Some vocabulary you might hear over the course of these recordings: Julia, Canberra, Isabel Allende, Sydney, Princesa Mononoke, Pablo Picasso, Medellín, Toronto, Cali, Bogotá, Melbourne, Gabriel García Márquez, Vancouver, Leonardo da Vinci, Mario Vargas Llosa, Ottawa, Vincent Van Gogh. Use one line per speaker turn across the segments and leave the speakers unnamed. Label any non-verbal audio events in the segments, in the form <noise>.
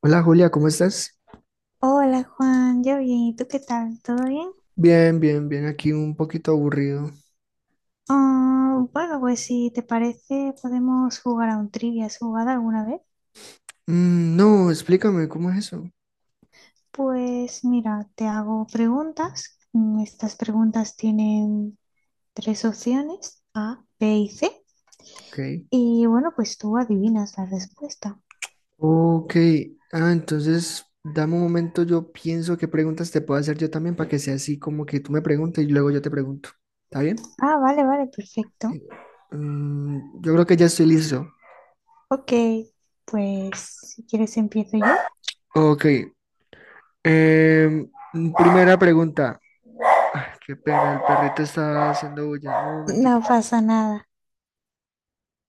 Hola Julia, ¿cómo estás?
Hola Juan, yo bien, ¿y tú qué tal? ¿Todo bien?
Bien, bien, bien, aquí un poquito aburrido.
Ah, bueno, pues si te parece podemos jugar a un trivia. ¿Has jugado alguna vez?
Mm, no, explícame, ¿cómo es eso?
Pues mira, te hago preguntas. Estas preguntas tienen tres opciones, A, B y C.
Ok.
Y bueno, pues tú adivinas la respuesta.
Ok, ah, entonces dame un momento, yo pienso qué preguntas te puedo hacer yo también para que sea así como que tú me preguntes y luego yo te pregunto. ¿Está bien?
Ah, vale, vale, perfecto.
Ok. Yo creo que ya estoy listo.
Ok, pues si quieres empiezo yo.
Ok, primera pregunta. Ah, qué pena, el perrito está haciendo bulla. Un momentico.
No pasa nada.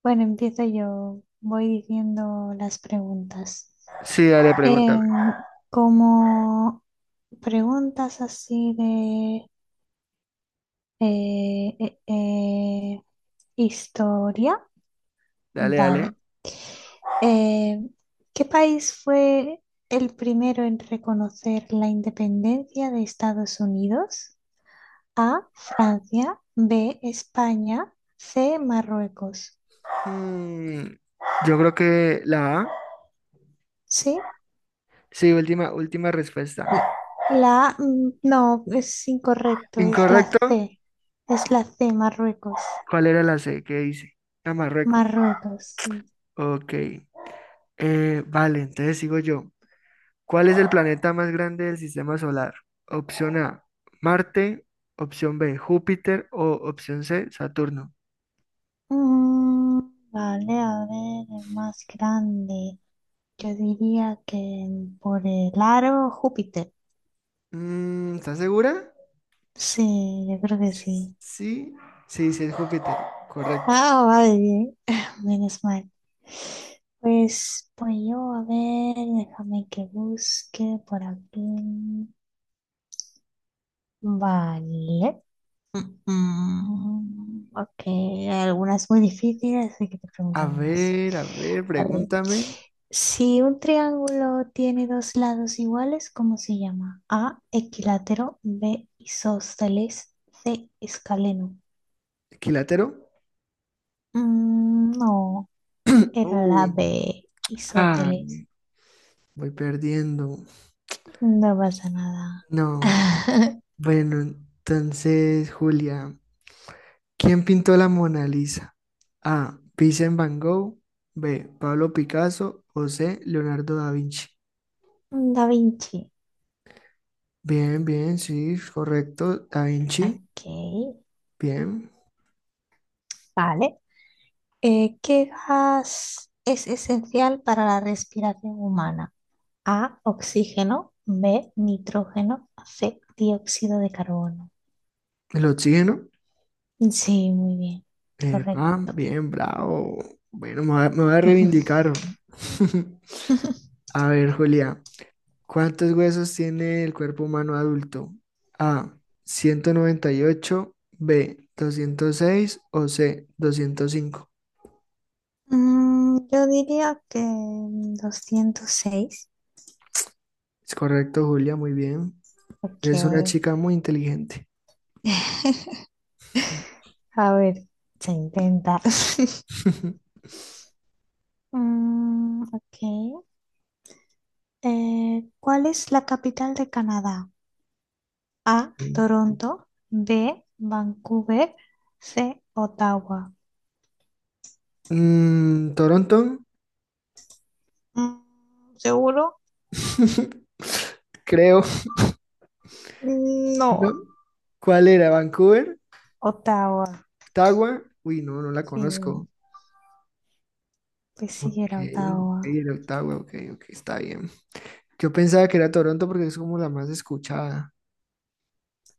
Bueno, empiezo yo. Voy diciendo las preguntas.
Sí, dale, pregúntame.
Em, como preguntas así de eh, eh, eh, historia,
Dale, dale.
vale. Em, ¿Qué país fue el primero en reconocer la independencia de Estados Unidos? A, Francia, B, España, C, Marruecos.
Mm, yo creo que la A.
¿Sí?
Sí, última, última respuesta.
L- La, no, es incorrecto, es la
Incorrecto.
C, es la C, Marruecos.
¿Cuál era la C? ¿Qué dice? A Marruecos.
Marruecos, sí.
Ok. Vale, entonces sigo yo. ¿Cuál es el planeta más grande del sistema solar? Opción A, Marte. Opción B, Júpiter. O opción C, Saturno.
Mm, vale, a ver, el más grande. Yo diría que por el aro Júpiter.
¿Estás segura?
Sí, yo creo que sí.
Sí, sí, sí, es Júpiter. Correcto.
Ah, vale, bien. <laughs> Menos mal. Pues yo, a ver, déjame que busque por aquí. Vale. Ok, hay algunas muy difíciles, así que te pregunto algo más.
A ver,
A ver,
pregúntame.
si un triángulo tiene dos lados iguales, ¿cómo se llama? A, equilátero, B, isósceles, C, escaleno.
¿Quilátero?
No, era la
Uy, no.
B,
Ah,
isósceles.
voy perdiendo.
No pasa nada.
No.
<laughs>
Bueno, entonces, Julia, ¿quién pintó la Mona Lisa? A. Vincent Van Gogh. B. Pablo Picasso. O C. Leonardo da Vinci.
Da Vinci.
Bien, bien, sí, correcto. Da Vinci.
Ok,
Bien.
vale. ¿Qué gas es esencial para la respiración humana? A, oxígeno, B, nitrógeno, C, dióxido de carbono.
El oxígeno.
Sí, muy bien,
Epa,
correcto.
bien, bravo. Bueno, me voy a
<laughs>
reivindicar. <laughs> A ver, Julia, ¿cuántos huesos tiene el cuerpo humano adulto? A, 198, B, doscientos seis, o C, 205.
Yo diría que 206.
Es correcto, Julia, muy bien.
Ok,
Es una chica muy inteligente.
<laughs> a ver, se intenta. <laughs>
<laughs>
Ok. ¿Cuál es la capital de Canadá? A,
Sí.
Toronto, B, Vancouver, C, Ottawa.
Toronto,
¿Seguro?
<laughs> creo,
No.
¿no? ¿Cuál era? ¿Vancouver?
Ottawa,
¿Ottawa? Uy, no, no la
sí,
conozco.
pues
Ok,
sí era
ok,
Ottawa.
era Ottawa, ok, ok, está bien. Yo pensaba que era Toronto porque es como la más escuchada.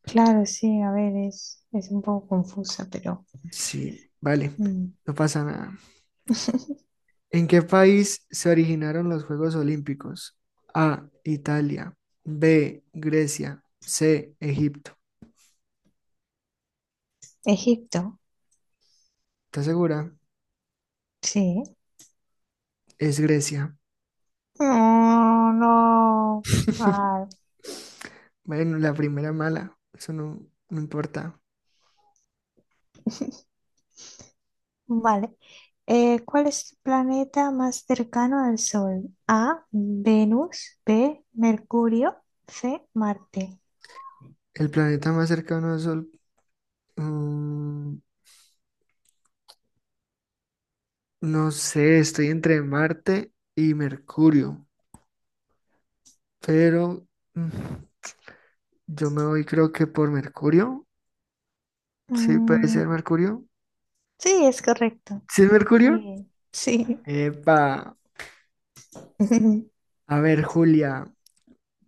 Claro, sí, a ver, es un poco confusa, pero.
Sí, vale,
Mm.
no pasa nada.
<laughs>
¿En qué país se originaron los Juegos Olímpicos? A, Italia, B, Grecia, C, Egipto.
Egipto,
¿Estás segura?
sí.
Es Grecia.
No, no.
<laughs>
Ay.
Bueno, la primera mala, eso no, no importa.
<laughs> Vale. ¿Cuál es el planeta más cercano al Sol? A, Venus, B, Mercurio, C, Marte.
El planeta más cercano al Sol, mm, no sé, estoy entre Marte y Mercurio, pero mm, yo me voy creo que por Mercurio. Sí, puede
Mm,
ser Mercurio.
sí, es correcto.
¿Sí es
Muy
Mercurio?
bien. Sí.
Epa.
<laughs>
A ver, Julia,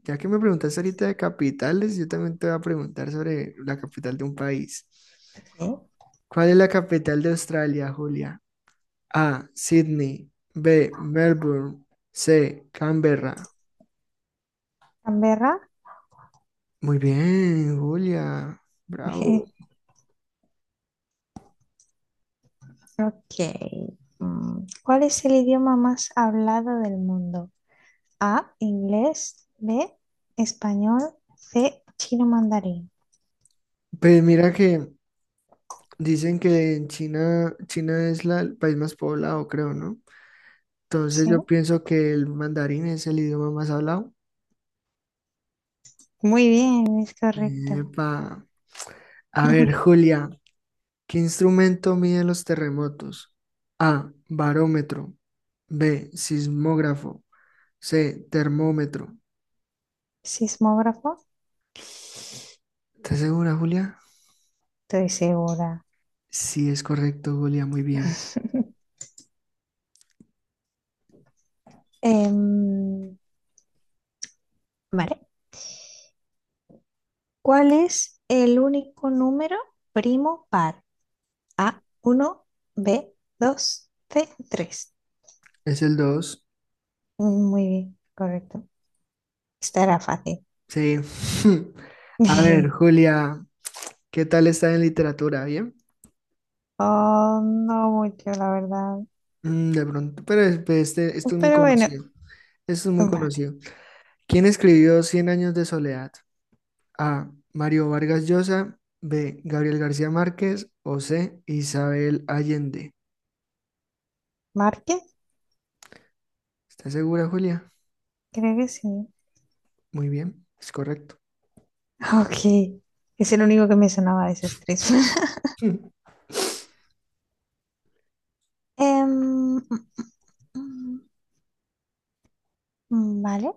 ya que me preguntaste ahorita de capitales, yo también te voy a preguntar sobre la capital de un país.
Ok.
¿Cuál es la capital de Australia, Julia? A. Sydney. B. Melbourne. C. Canberra.
Canberra.
Muy bien, Julia. Bravo.
<laughs> Ok. ¿Cuál es el idioma más hablado del mundo? A, inglés, B, español, C, chino mandarín.
Pues mira que dicen que en China, China es el país más poblado, creo, ¿no? Entonces
Sí.
yo pienso que el mandarín es el idioma más hablado.
Muy bien, es correcto.
Epa, a ver,
<laughs>
Julia, ¿qué instrumento mide los terremotos? A, barómetro. B, sismógrafo. C, termómetro.
Sismógrafo.
¿Estás segura, Julia?
Estoy segura.
Sí, es correcto, Julia, muy bien.
<laughs> Em, vale. ¿Cuál es el único número primo par? A, uno, B, 2, C, 3.
Es el dos.
Muy bien, correcto. Esta era fácil.
Sí. <laughs> A ver,
<laughs>
Julia, ¿qué tal está en literatura? ¿Bien?
Oh, no mucho, la verdad.
De pronto, pero pues, este, esto es muy
Pero bueno,
conocido. Esto es muy
vale.
conocido. ¿Quién escribió Cien años de soledad? A. Mario Vargas Llosa. B. Gabriel García Márquez. O C. Isabel Allende.
Márquez,
¿Estás segura, Julia?
creo que sí. <laughs>
Muy bien, es correcto.
Ok, es el único que me sonaba de esas tres. <laughs>
<laughs>
Em, mm, mm, vale.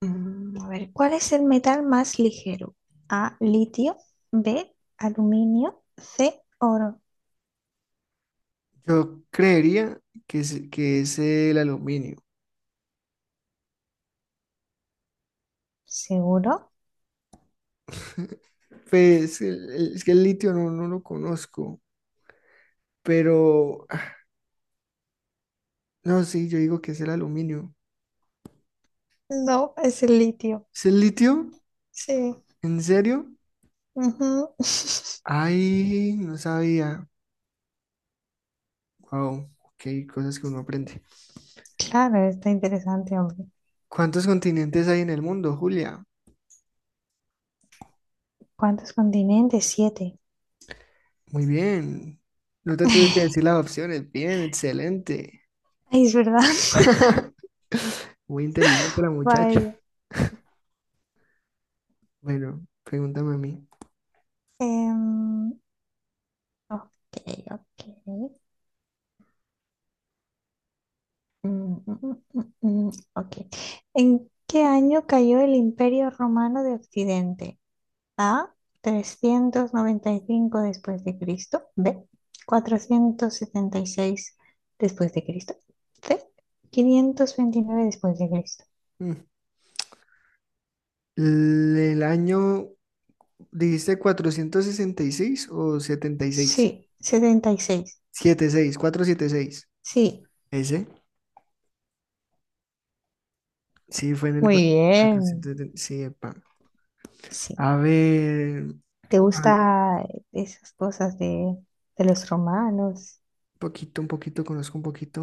A ver, ¿cuál es el metal más ligero? A, litio, B, aluminio, C, oro.
Yo creería que es, el aluminio.
¿Seguro?
Pues es que el litio no, no lo conozco, pero ah, no, sí, yo digo que es el aluminio.
No, es el litio.
¿Es el litio?
Sí.
¿En serio?
Ujú. <laughs>
Ay, no sabía. Wow, ok, cosas que uno aprende.
Claro, está interesante, hombre.
¿Cuántos continentes hay en el mundo, Julia?
¿Cuántos continentes? Siete.
Muy bien. No te tuve que decir
<laughs>
las opciones. Bien, excelente.
Ay, es verdad.
<laughs> Muy inteligente la
<laughs>
muchacha.
Vaya.
Bueno, pregúntame a mí.
Em, ok, ok. Ok. ¿En qué año cayó el Imperio Romano de Occidente? A, 395 después de Cristo. B, 476 después de Cristo. C, 529 después de Cristo.
Mm. ¿El año dijiste 466 o setenta y seis?
Sí, 76.
Setenta y seis, seis, setenta y seis.
Sí,
¿Ese? Sí, fue en el
muy bien.
476. Sí, epa.
Sí.
A ver,
¿Te
hab-
gusta esas cosas de, los romanos?
un poquito, conozco un poquito.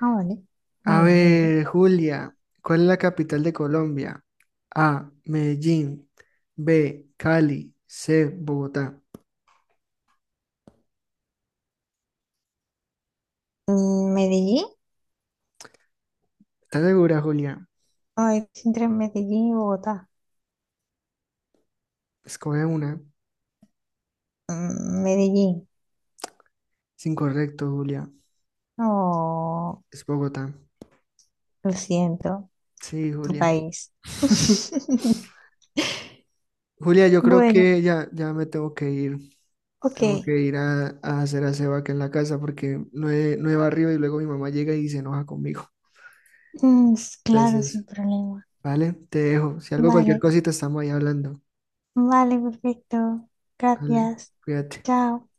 Ah, vale. Muy
A
bien, muy bien.
ver, Julia, ¿cuál es la capital de Colombia? A, Medellín. B, Cali. C, Bogotá.
¿Medellín?
¿Estás segura, Julia?
Ay, es entre Medellín y Bogotá.
Escoge una.
Medellín.
Es incorrecto, Julia.
Oh,
Es Bogotá.
lo siento.
Sí,
Tu
Julia.
país.
<laughs>
<laughs>
Julia, yo creo
Bueno,
que ya, ya me tengo que ir.
ok.
Tengo que ir a hacer aseo aquí en la casa porque no he barrido y luego mi mamá llega y se enoja conmigo.
Claro, sin
Entonces,
problema.
¿vale? Te dejo. Si algo, cualquier
Vale,
cosita, estamos ahí hablando.
vale, perfecto.
Vale,
Gracias.
cuídate.
Chao.